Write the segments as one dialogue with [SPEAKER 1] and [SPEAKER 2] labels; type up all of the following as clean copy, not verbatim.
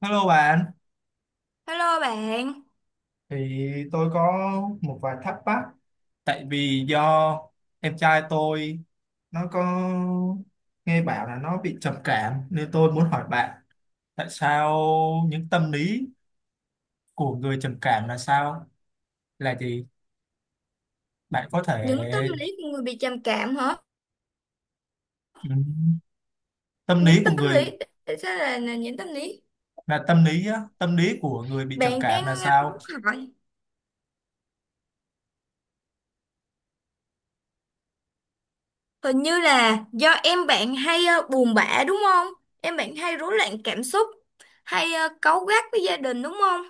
[SPEAKER 1] Hello bạn,
[SPEAKER 2] Hello bạn,
[SPEAKER 1] thì tôi có một vài thắc mắc tại vì do em trai tôi nó có nghe bảo là nó bị trầm cảm, nên tôi muốn hỏi bạn tại sao những tâm lý của người trầm cảm là sao? Là gì? Bạn có thể,
[SPEAKER 2] những tâm lý của người bị trầm cảm hả?
[SPEAKER 1] ừm, tâm lý
[SPEAKER 2] Những
[SPEAKER 1] của
[SPEAKER 2] tâm
[SPEAKER 1] người,
[SPEAKER 2] lý, tại sao là những tâm lý?
[SPEAKER 1] là tâm lý á, tâm lý của người bị trầm
[SPEAKER 2] Bạn đang
[SPEAKER 1] cảm là sao?
[SPEAKER 2] muốn hỏi, hình như là do em bạn hay buồn bã đúng không? Em bạn hay rối loạn cảm xúc, hay cáu gắt với gia đình đúng không?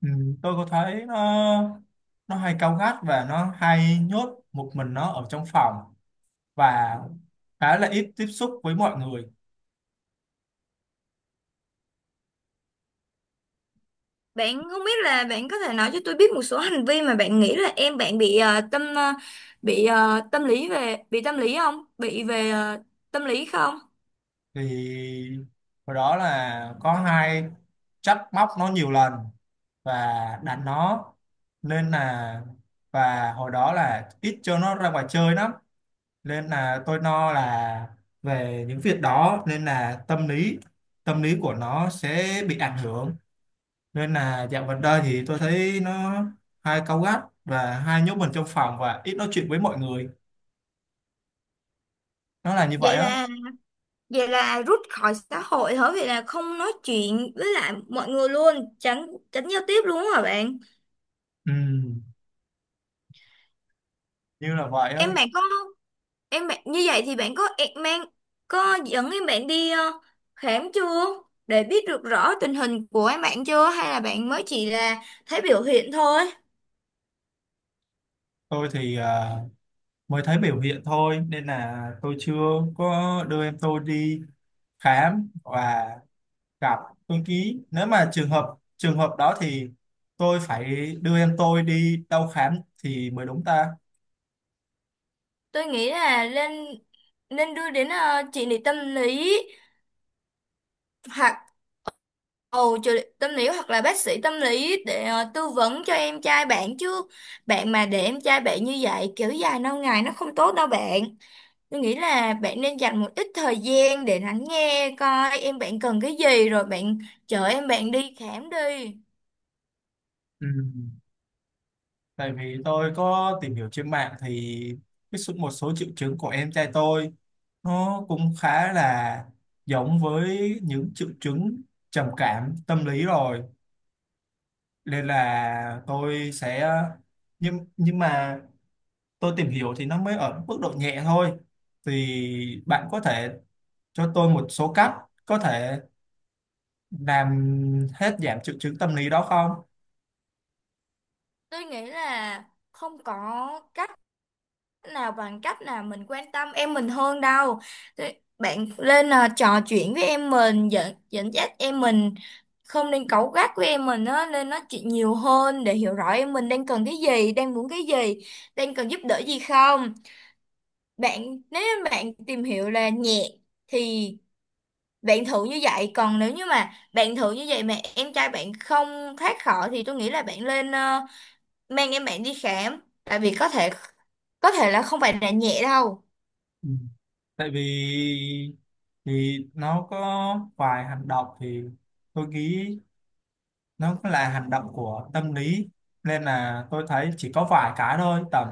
[SPEAKER 1] Tôi có thấy nó hay cáu gắt và nó hay nhốt một mình nó ở trong phòng, và khá là ít tiếp xúc với mọi người.
[SPEAKER 2] Bạn không biết là bạn có thể nói cho tôi biết một số hành vi mà bạn nghĩ là em bạn bị tâm lý về bị tâm lý không? Bị về tâm lý không?
[SPEAKER 1] Thì hồi đó là có hai, trách móc nó nhiều lần và đánh nó, nên là và hồi đó là ít cho nó ra ngoài chơi lắm, nên là tôi no là về những việc đó, nên là tâm lý của nó sẽ bị ảnh hưởng. Nên là dạo gần đây thì tôi thấy nó hay cáu gắt và hay nhốt mình trong phòng và ít nói chuyện với mọi người. Nó là như
[SPEAKER 2] Vậy
[SPEAKER 1] vậy á.
[SPEAKER 2] là Vậy là rút khỏi xã hội hả? Vậy là không nói chuyện với lại mọi người luôn, tránh tránh giao tiếp luôn hả bạn?
[SPEAKER 1] Ừ, như là vậy á.
[SPEAKER 2] Em bạn có em bạn như vậy thì bạn có em mang có dẫn em bạn đi khám chưa? Để biết được rõ tình hình của em bạn chưa hay là bạn mới chỉ là thấy biểu hiện thôi?
[SPEAKER 1] Tôi thì mới thấy biểu hiện thôi, nên là tôi chưa có đưa em tôi đi khám và gặp. Tôi ký nếu mà trường hợp đó thì tôi phải đưa em tôi đi đâu khám thì mới đúng ta.
[SPEAKER 2] Tôi nghĩ là nên nên đưa đến trị liệu tâm lý hoặc trợ lý tâm lý hoặc là bác sĩ tâm lý để tư vấn cho em trai bạn chứ. Bạn mà để em trai bạn như vậy kiểu dài lâu ngày nó không tốt đâu bạn. Tôi nghĩ là bạn nên dành một ít thời gian để lắng nghe coi em bạn cần cái gì rồi bạn chở em bạn đi khám đi.
[SPEAKER 1] Ừ, tại vì tôi có tìm hiểu trên mạng thì một số triệu chứng của em trai tôi nó cũng khá là giống với những triệu chứng trầm cảm tâm lý rồi, nên là tôi sẽ. Nhưng mà tôi tìm hiểu thì nó mới ở mức độ nhẹ thôi. Thì bạn có thể cho tôi một số cách có thể làm hết giảm triệu chứng tâm lý đó không?
[SPEAKER 2] Tôi nghĩ là không có cách nào bằng cách là mình quan tâm em mình hơn đâu. Thế bạn lên trò chuyện với em mình, dẫn dẫn dắt em mình, không nên cáu gắt với em mình á, nên nói chuyện nhiều hơn để hiểu rõ em mình đang cần cái gì, đang muốn cái gì, đang cần giúp đỡ gì không. Bạn nếu như bạn tìm hiểu là nhẹ thì bạn thử như vậy, còn nếu như mà bạn thử như vậy mà em trai bạn không thoát khỏi thì tôi nghĩ là bạn lên mang em bạn đi khám tại vì có thể là không phải là nhẹ đâu.
[SPEAKER 1] Ừ, tại vì thì nó có vài hành động thì tôi nghĩ nó cũng là hành động của tâm lý, nên là tôi thấy chỉ có vài cái thôi, tầm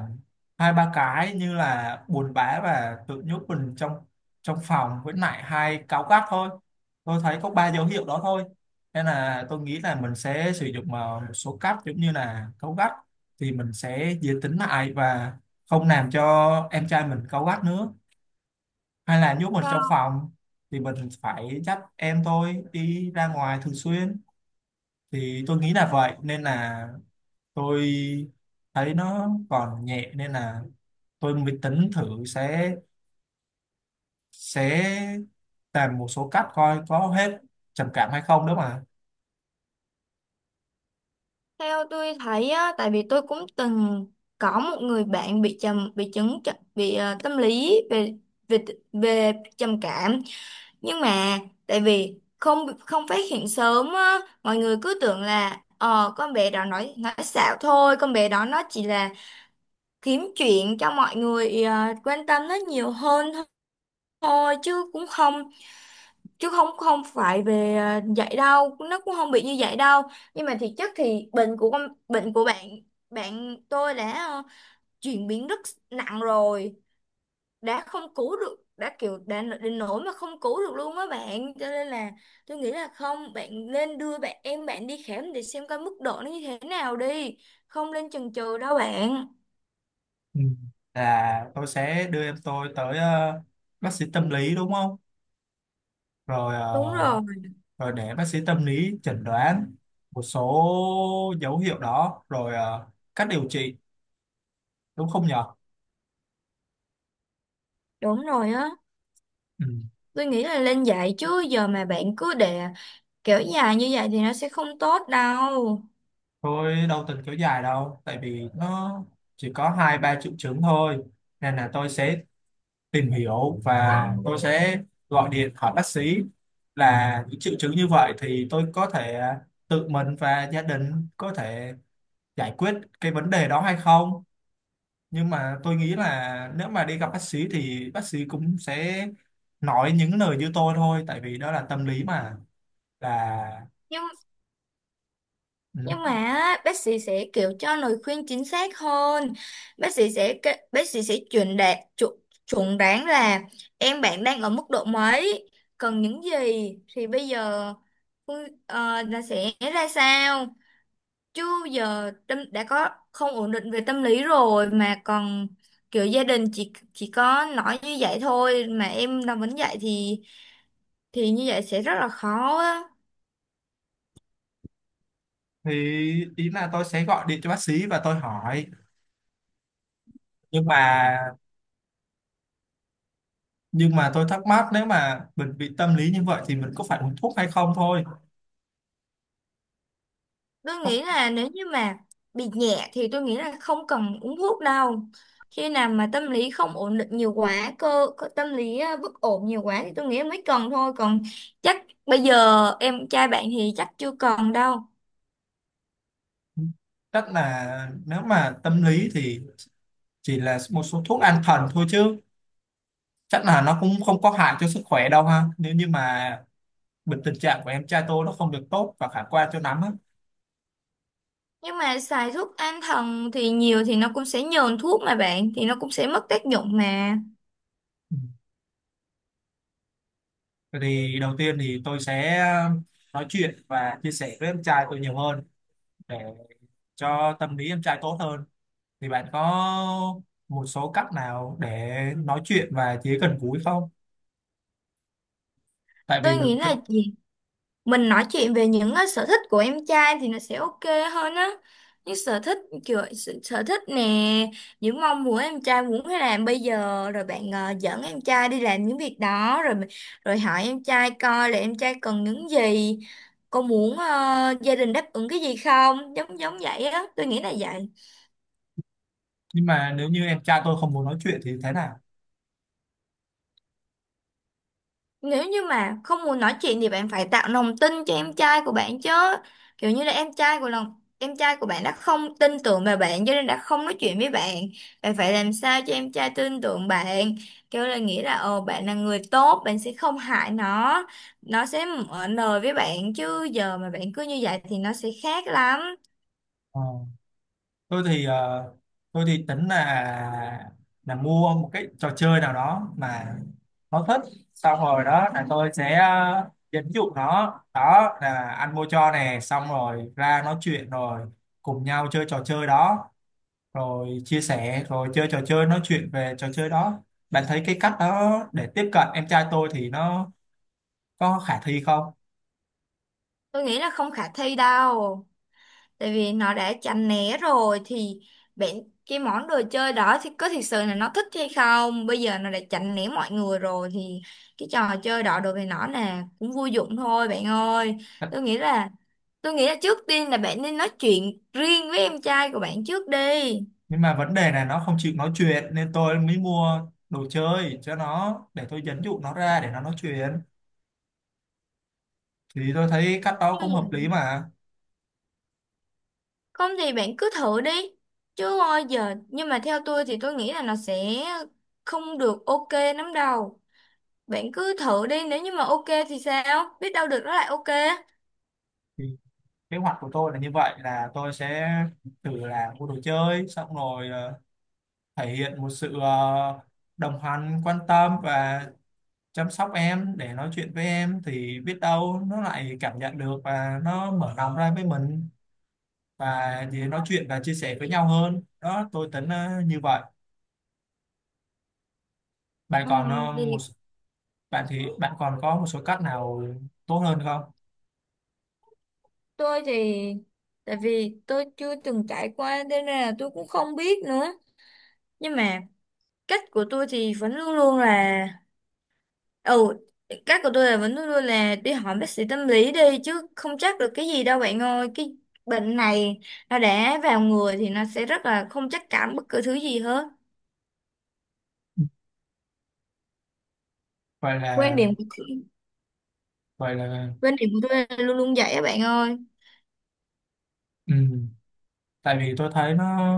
[SPEAKER 1] hai ba cái, như là buồn bã và tự nhốt mình trong trong phòng, với lại hay cáu gắt thôi. Tôi thấy có ba dấu hiệu đó thôi, nên là tôi nghĩ là mình sẽ sử dụng một số cách, giống như là cáu gắt thì mình sẽ dễ tính lại và không làm cho em trai mình cáu gắt nữa, hay là nhốt mình trong phòng thì mình phải dắt em tôi đi ra ngoài thường xuyên. Thì tôi nghĩ là vậy, nên là tôi thấy nó còn nhẹ nên là tôi mới tính thử sẽ sẽ làm một số cách coi có hết trầm cảm hay không đó mà.
[SPEAKER 2] Theo tôi thấy á, tại vì tôi cũng từng có một người bạn bị trầm bị chứng tr- bị ờ, tâm lý về về về trầm cảm, nhưng mà tại vì không không phát hiện sớm á, mọi người cứ tưởng là ờ con bé đó nói xạo thôi, con bé đó nó chỉ là kiếm chuyện cho mọi người quan tâm nó nhiều hơn thôi, chứ cũng không chứ không không phải về vậy đâu, nó cũng không bị như vậy đâu. Nhưng mà thiệt chất thì bệnh của con bệnh của bạn bạn tôi đã chuyển biến rất nặng rồi, đã không cứu được, đã kiểu đã đến nỗi mà không cứu được luôn á bạn, cho nên là tôi nghĩ là không, bạn nên đưa em bạn đi khám để xem coi mức độ nó như thế nào đi, không nên chần chừ đâu bạn.
[SPEAKER 1] Ừ, là tôi sẽ đưa em tôi tới bác sĩ tâm lý đúng không, rồi
[SPEAKER 2] Đúng rồi.
[SPEAKER 1] rồi để bác sĩ tâm lý chẩn đoán một số dấu hiệu đó, rồi cách điều trị, đúng không nhở?
[SPEAKER 2] Đúng rồi á.
[SPEAKER 1] Ừ.
[SPEAKER 2] Tôi nghĩ là lên dạy chứ giờ mà bạn cứ để kiểu dài như vậy thì nó sẽ không tốt đâu.
[SPEAKER 1] Tôi đâu từng kéo dài đâu, tại vì nó chỉ có hai ba triệu chứng thôi, nên là tôi sẽ tìm hiểu và tôi sẽ gọi điện hỏi bác sĩ là những triệu chứng như vậy thì tôi có thể tự mình và gia đình có thể giải quyết cái vấn đề đó hay không. Nhưng mà tôi nghĩ là nếu mà đi gặp bác sĩ thì bác sĩ cũng sẽ nói những lời như tôi thôi, tại vì đó là tâm lý mà, là
[SPEAKER 2] nhưng
[SPEAKER 1] ừ.
[SPEAKER 2] nhưng mà á, bác sĩ sẽ kiểu cho lời khuyên chính xác hơn, bác sĩ sẽ chuẩn đoán là em bạn đang ở mức độ mấy, cần những gì, thì bây giờ là sẽ ra sao, chứ giờ tâm đã có không ổn định về tâm lý rồi mà còn kiểu gia đình chỉ có nói như vậy thôi mà em làm vẫn vậy thì như vậy sẽ rất là khó á.
[SPEAKER 1] Thì ý là tôi sẽ gọi điện cho bác sĩ và tôi hỏi, nhưng mà tôi thắc mắc nếu mà mình bị tâm lý như vậy thì mình có phải uống thuốc hay không thôi.
[SPEAKER 2] Tôi
[SPEAKER 1] Có.
[SPEAKER 2] nghĩ là nếu như mà bị nhẹ thì tôi nghĩ là không cần uống thuốc đâu. Khi nào mà tâm lý không ổn định nhiều quá, cơ, cơ tâm lý bất ổn nhiều quá thì tôi nghĩ mới cần thôi. Còn chắc bây giờ em trai bạn thì chắc chưa cần đâu.
[SPEAKER 1] Chắc là nếu mà tâm lý thì chỉ là một số thuốc an thần thôi chứ, chắc là nó cũng không có hại cho sức khỏe đâu ha, nếu như mà bệnh tình trạng của em trai tôi nó không được tốt và khả quan cho lắm á.
[SPEAKER 2] Nhưng mà xài thuốc an thần thì nhiều thì nó cũng sẽ nhờn thuốc mà bạn, thì nó cũng sẽ mất tác dụng mà.
[SPEAKER 1] Ừ. Vậy thì đầu tiên thì tôi sẽ nói chuyện và chia sẻ với em trai tôi nhiều hơn để cho tâm lý em trai tốt hơn. Thì bạn có một số cách nào để nói chuyện và chỉ gần gũi không? Tại vì
[SPEAKER 2] Tôi
[SPEAKER 1] mình
[SPEAKER 2] nghĩ là chỉ mình nói chuyện về những sở thích của em trai thì nó sẽ ok hơn á, những sở thích kiểu sở thích nè, những mong muốn em trai muốn hay làm bây giờ rồi bạn dẫn em trai đi làm những việc đó rồi, rồi hỏi em trai coi là em trai cần những gì, có muốn gia đình đáp ứng cái gì không, giống giống vậy á, tôi nghĩ là vậy.
[SPEAKER 1] nhưng mà nếu như em trai tôi không muốn nói chuyện thì thế nào?
[SPEAKER 2] Nếu như mà không muốn nói chuyện thì bạn phải tạo lòng tin cho em trai của bạn chứ. Kiểu như là em trai của lòng em trai của bạn đã không tin tưởng vào bạn cho nên đã không nói chuyện với bạn. Bạn phải làm sao cho em trai tin tưởng bạn. Kiểu là nghĩ là ồ bạn là người tốt, bạn sẽ không hại nó. Nó sẽ mở lời với bạn chứ giờ mà bạn cứ như vậy thì nó sẽ khác lắm.
[SPEAKER 1] Ờ, tôi thì tôi thì tính là mua một cái trò chơi nào đó mà nó thích, xong rồi đó là tôi sẽ dẫn dụ nó, đó là anh mua cho nè, xong rồi ra nói chuyện rồi cùng nhau chơi trò chơi đó, rồi chia sẻ, rồi chơi trò chơi, nói chuyện về trò chơi đó. Bạn thấy cái cách đó để tiếp cận em trai tôi thì nó có khả thi không?
[SPEAKER 2] Tôi nghĩ là không khả thi đâu. Tại vì nó đã chán né rồi thì bạn, cái món đồ chơi đó thì có thực sự là nó thích hay không, bây giờ nó đã chán né mọi người rồi thì cái trò chơi đó đối với nó là cũng vô dụng thôi bạn ơi. tôi nghĩ là tôi nghĩ là trước tiên là bạn nên nói chuyện riêng với em trai của bạn trước đi.
[SPEAKER 1] Nhưng mà vấn đề là nó không chịu nói chuyện nên tôi mới mua đồ chơi cho nó để tôi dẫn dụ nó ra để nó nói chuyện, thì tôi thấy cách đó cũng
[SPEAKER 2] Ừ.
[SPEAKER 1] hợp lý mà.
[SPEAKER 2] Không thì bạn cứ thử đi, chứ ôi giờ nhưng mà theo tôi thì tôi nghĩ là nó sẽ không được ok lắm đâu. Bạn cứ thử đi, nếu như mà ok thì sao biết đâu được nó lại ok.
[SPEAKER 1] Thì kế hoạch của tôi là như vậy, là tôi sẽ thử là mua đồ chơi, xong rồi thể hiện một sự đồng hành, quan tâm và chăm sóc em, để nói chuyện với em thì biết đâu nó lại cảm nhận được và nó mở lòng ra với mình, và thì nói chuyện và chia sẻ với nhau hơn đó. Tôi tính như vậy. Bạn
[SPEAKER 2] Ừ,
[SPEAKER 1] còn một,
[SPEAKER 2] vì
[SPEAKER 1] thì bạn còn có một số cách nào tốt hơn không?
[SPEAKER 2] tôi thì tại vì tôi chưa từng trải qua nên là tôi cũng không biết nữa. Nhưng mà cách của tôi thì vẫn luôn luôn là ừ, cách của tôi là vẫn luôn luôn là đi hỏi bác sĩ tâm lý đi chứ không chắc được cái gì đâu bạn ơi, cái bệnh này nó đã vào người thì nó sẽ rất là không chắc cảm bất cứ thứ gì hết.
[SPEAKER 1] vậy
[SPEAKER 2] quan
[SPEAKER 1] là
[SPEAKER 2] điểm của
[SPEAKER 1] vậy là
[SPEAKER 2] Quan điểm của tôi là luôn luôn vậy á bạn ơi.
[SPEAKER 1] ừ, tại vì tôi thấy nó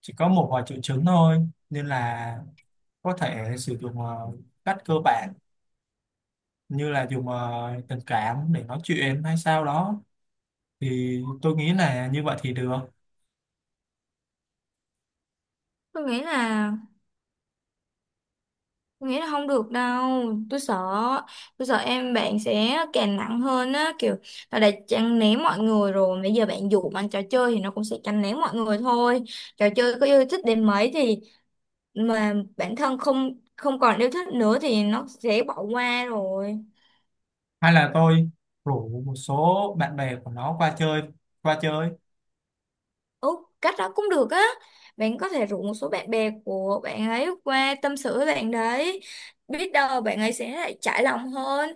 [SPEAKER 1] chỉ có một vài triệu chứng thôi, nên là có thể sử dụng cách cơ bản, như là dùng tình cảm để nói chuyện hay sao đó, thì tôi nghĩ là như vậy thì được.
[SPEAKER 2] tôi nghĩ là Tôi nghĩ là không được đâu. tôi sợ tôi sợ em bạn sẽ càng nặng hơn á, kiểu là đã chăn ném mọi người rồi, bây giờ bạn dụ bằng trò chơi thì nó cũng sẽ chăn ném mọi người thôi, trò chơi có yêu thích đến mấy thì mà bản thân không không còn yêu thích nữa thì nó sẽ bỏ qua rồi.
[SPEAKER 1] Hay là tôi rủ một số bạn bè của nó qua chơi, qua chơi
[SPEAKER 2] Ừ, cách đó cũng được á. Bạn có thể rủ một số bạn bè của bạn ấy qua tâm sự với bạn đấy, biết đâu bạn ấy sẽ lại trải lòng hơn,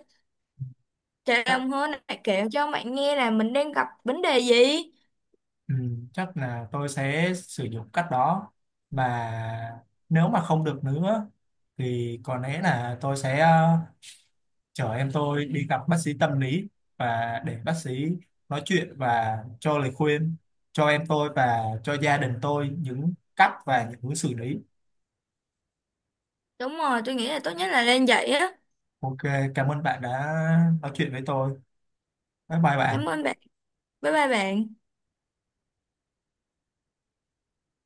[SPEAKER 1] chắc,
[SPEAKER 2] lại kể cho bạn nghe là mình đang gặp vấn đề gì.
[SPEAKER 1] ừ, chắc là tôi sẽ sử dụng cách đó, và nếu mà không được nữa thì có lẽ là tôi sẽ chở em tôi đi gặp bác sĩ tâm lý, và để bác sĩ nói chuyện và cho lời khuyên cho em tôi và cho gia đình tôi những cách và những hướng xử lý.
[SPEAKER 2] Đúng rồi, tôi nghĩ là tốt nhất là nên vậy á.
[SPEAKER 1] Ok, cảm ơn bạn đã nói chuyện với tôi. Bye bye bạn.
[SPEAKER 2] Cảm ơn bạn. Bye bye bạn.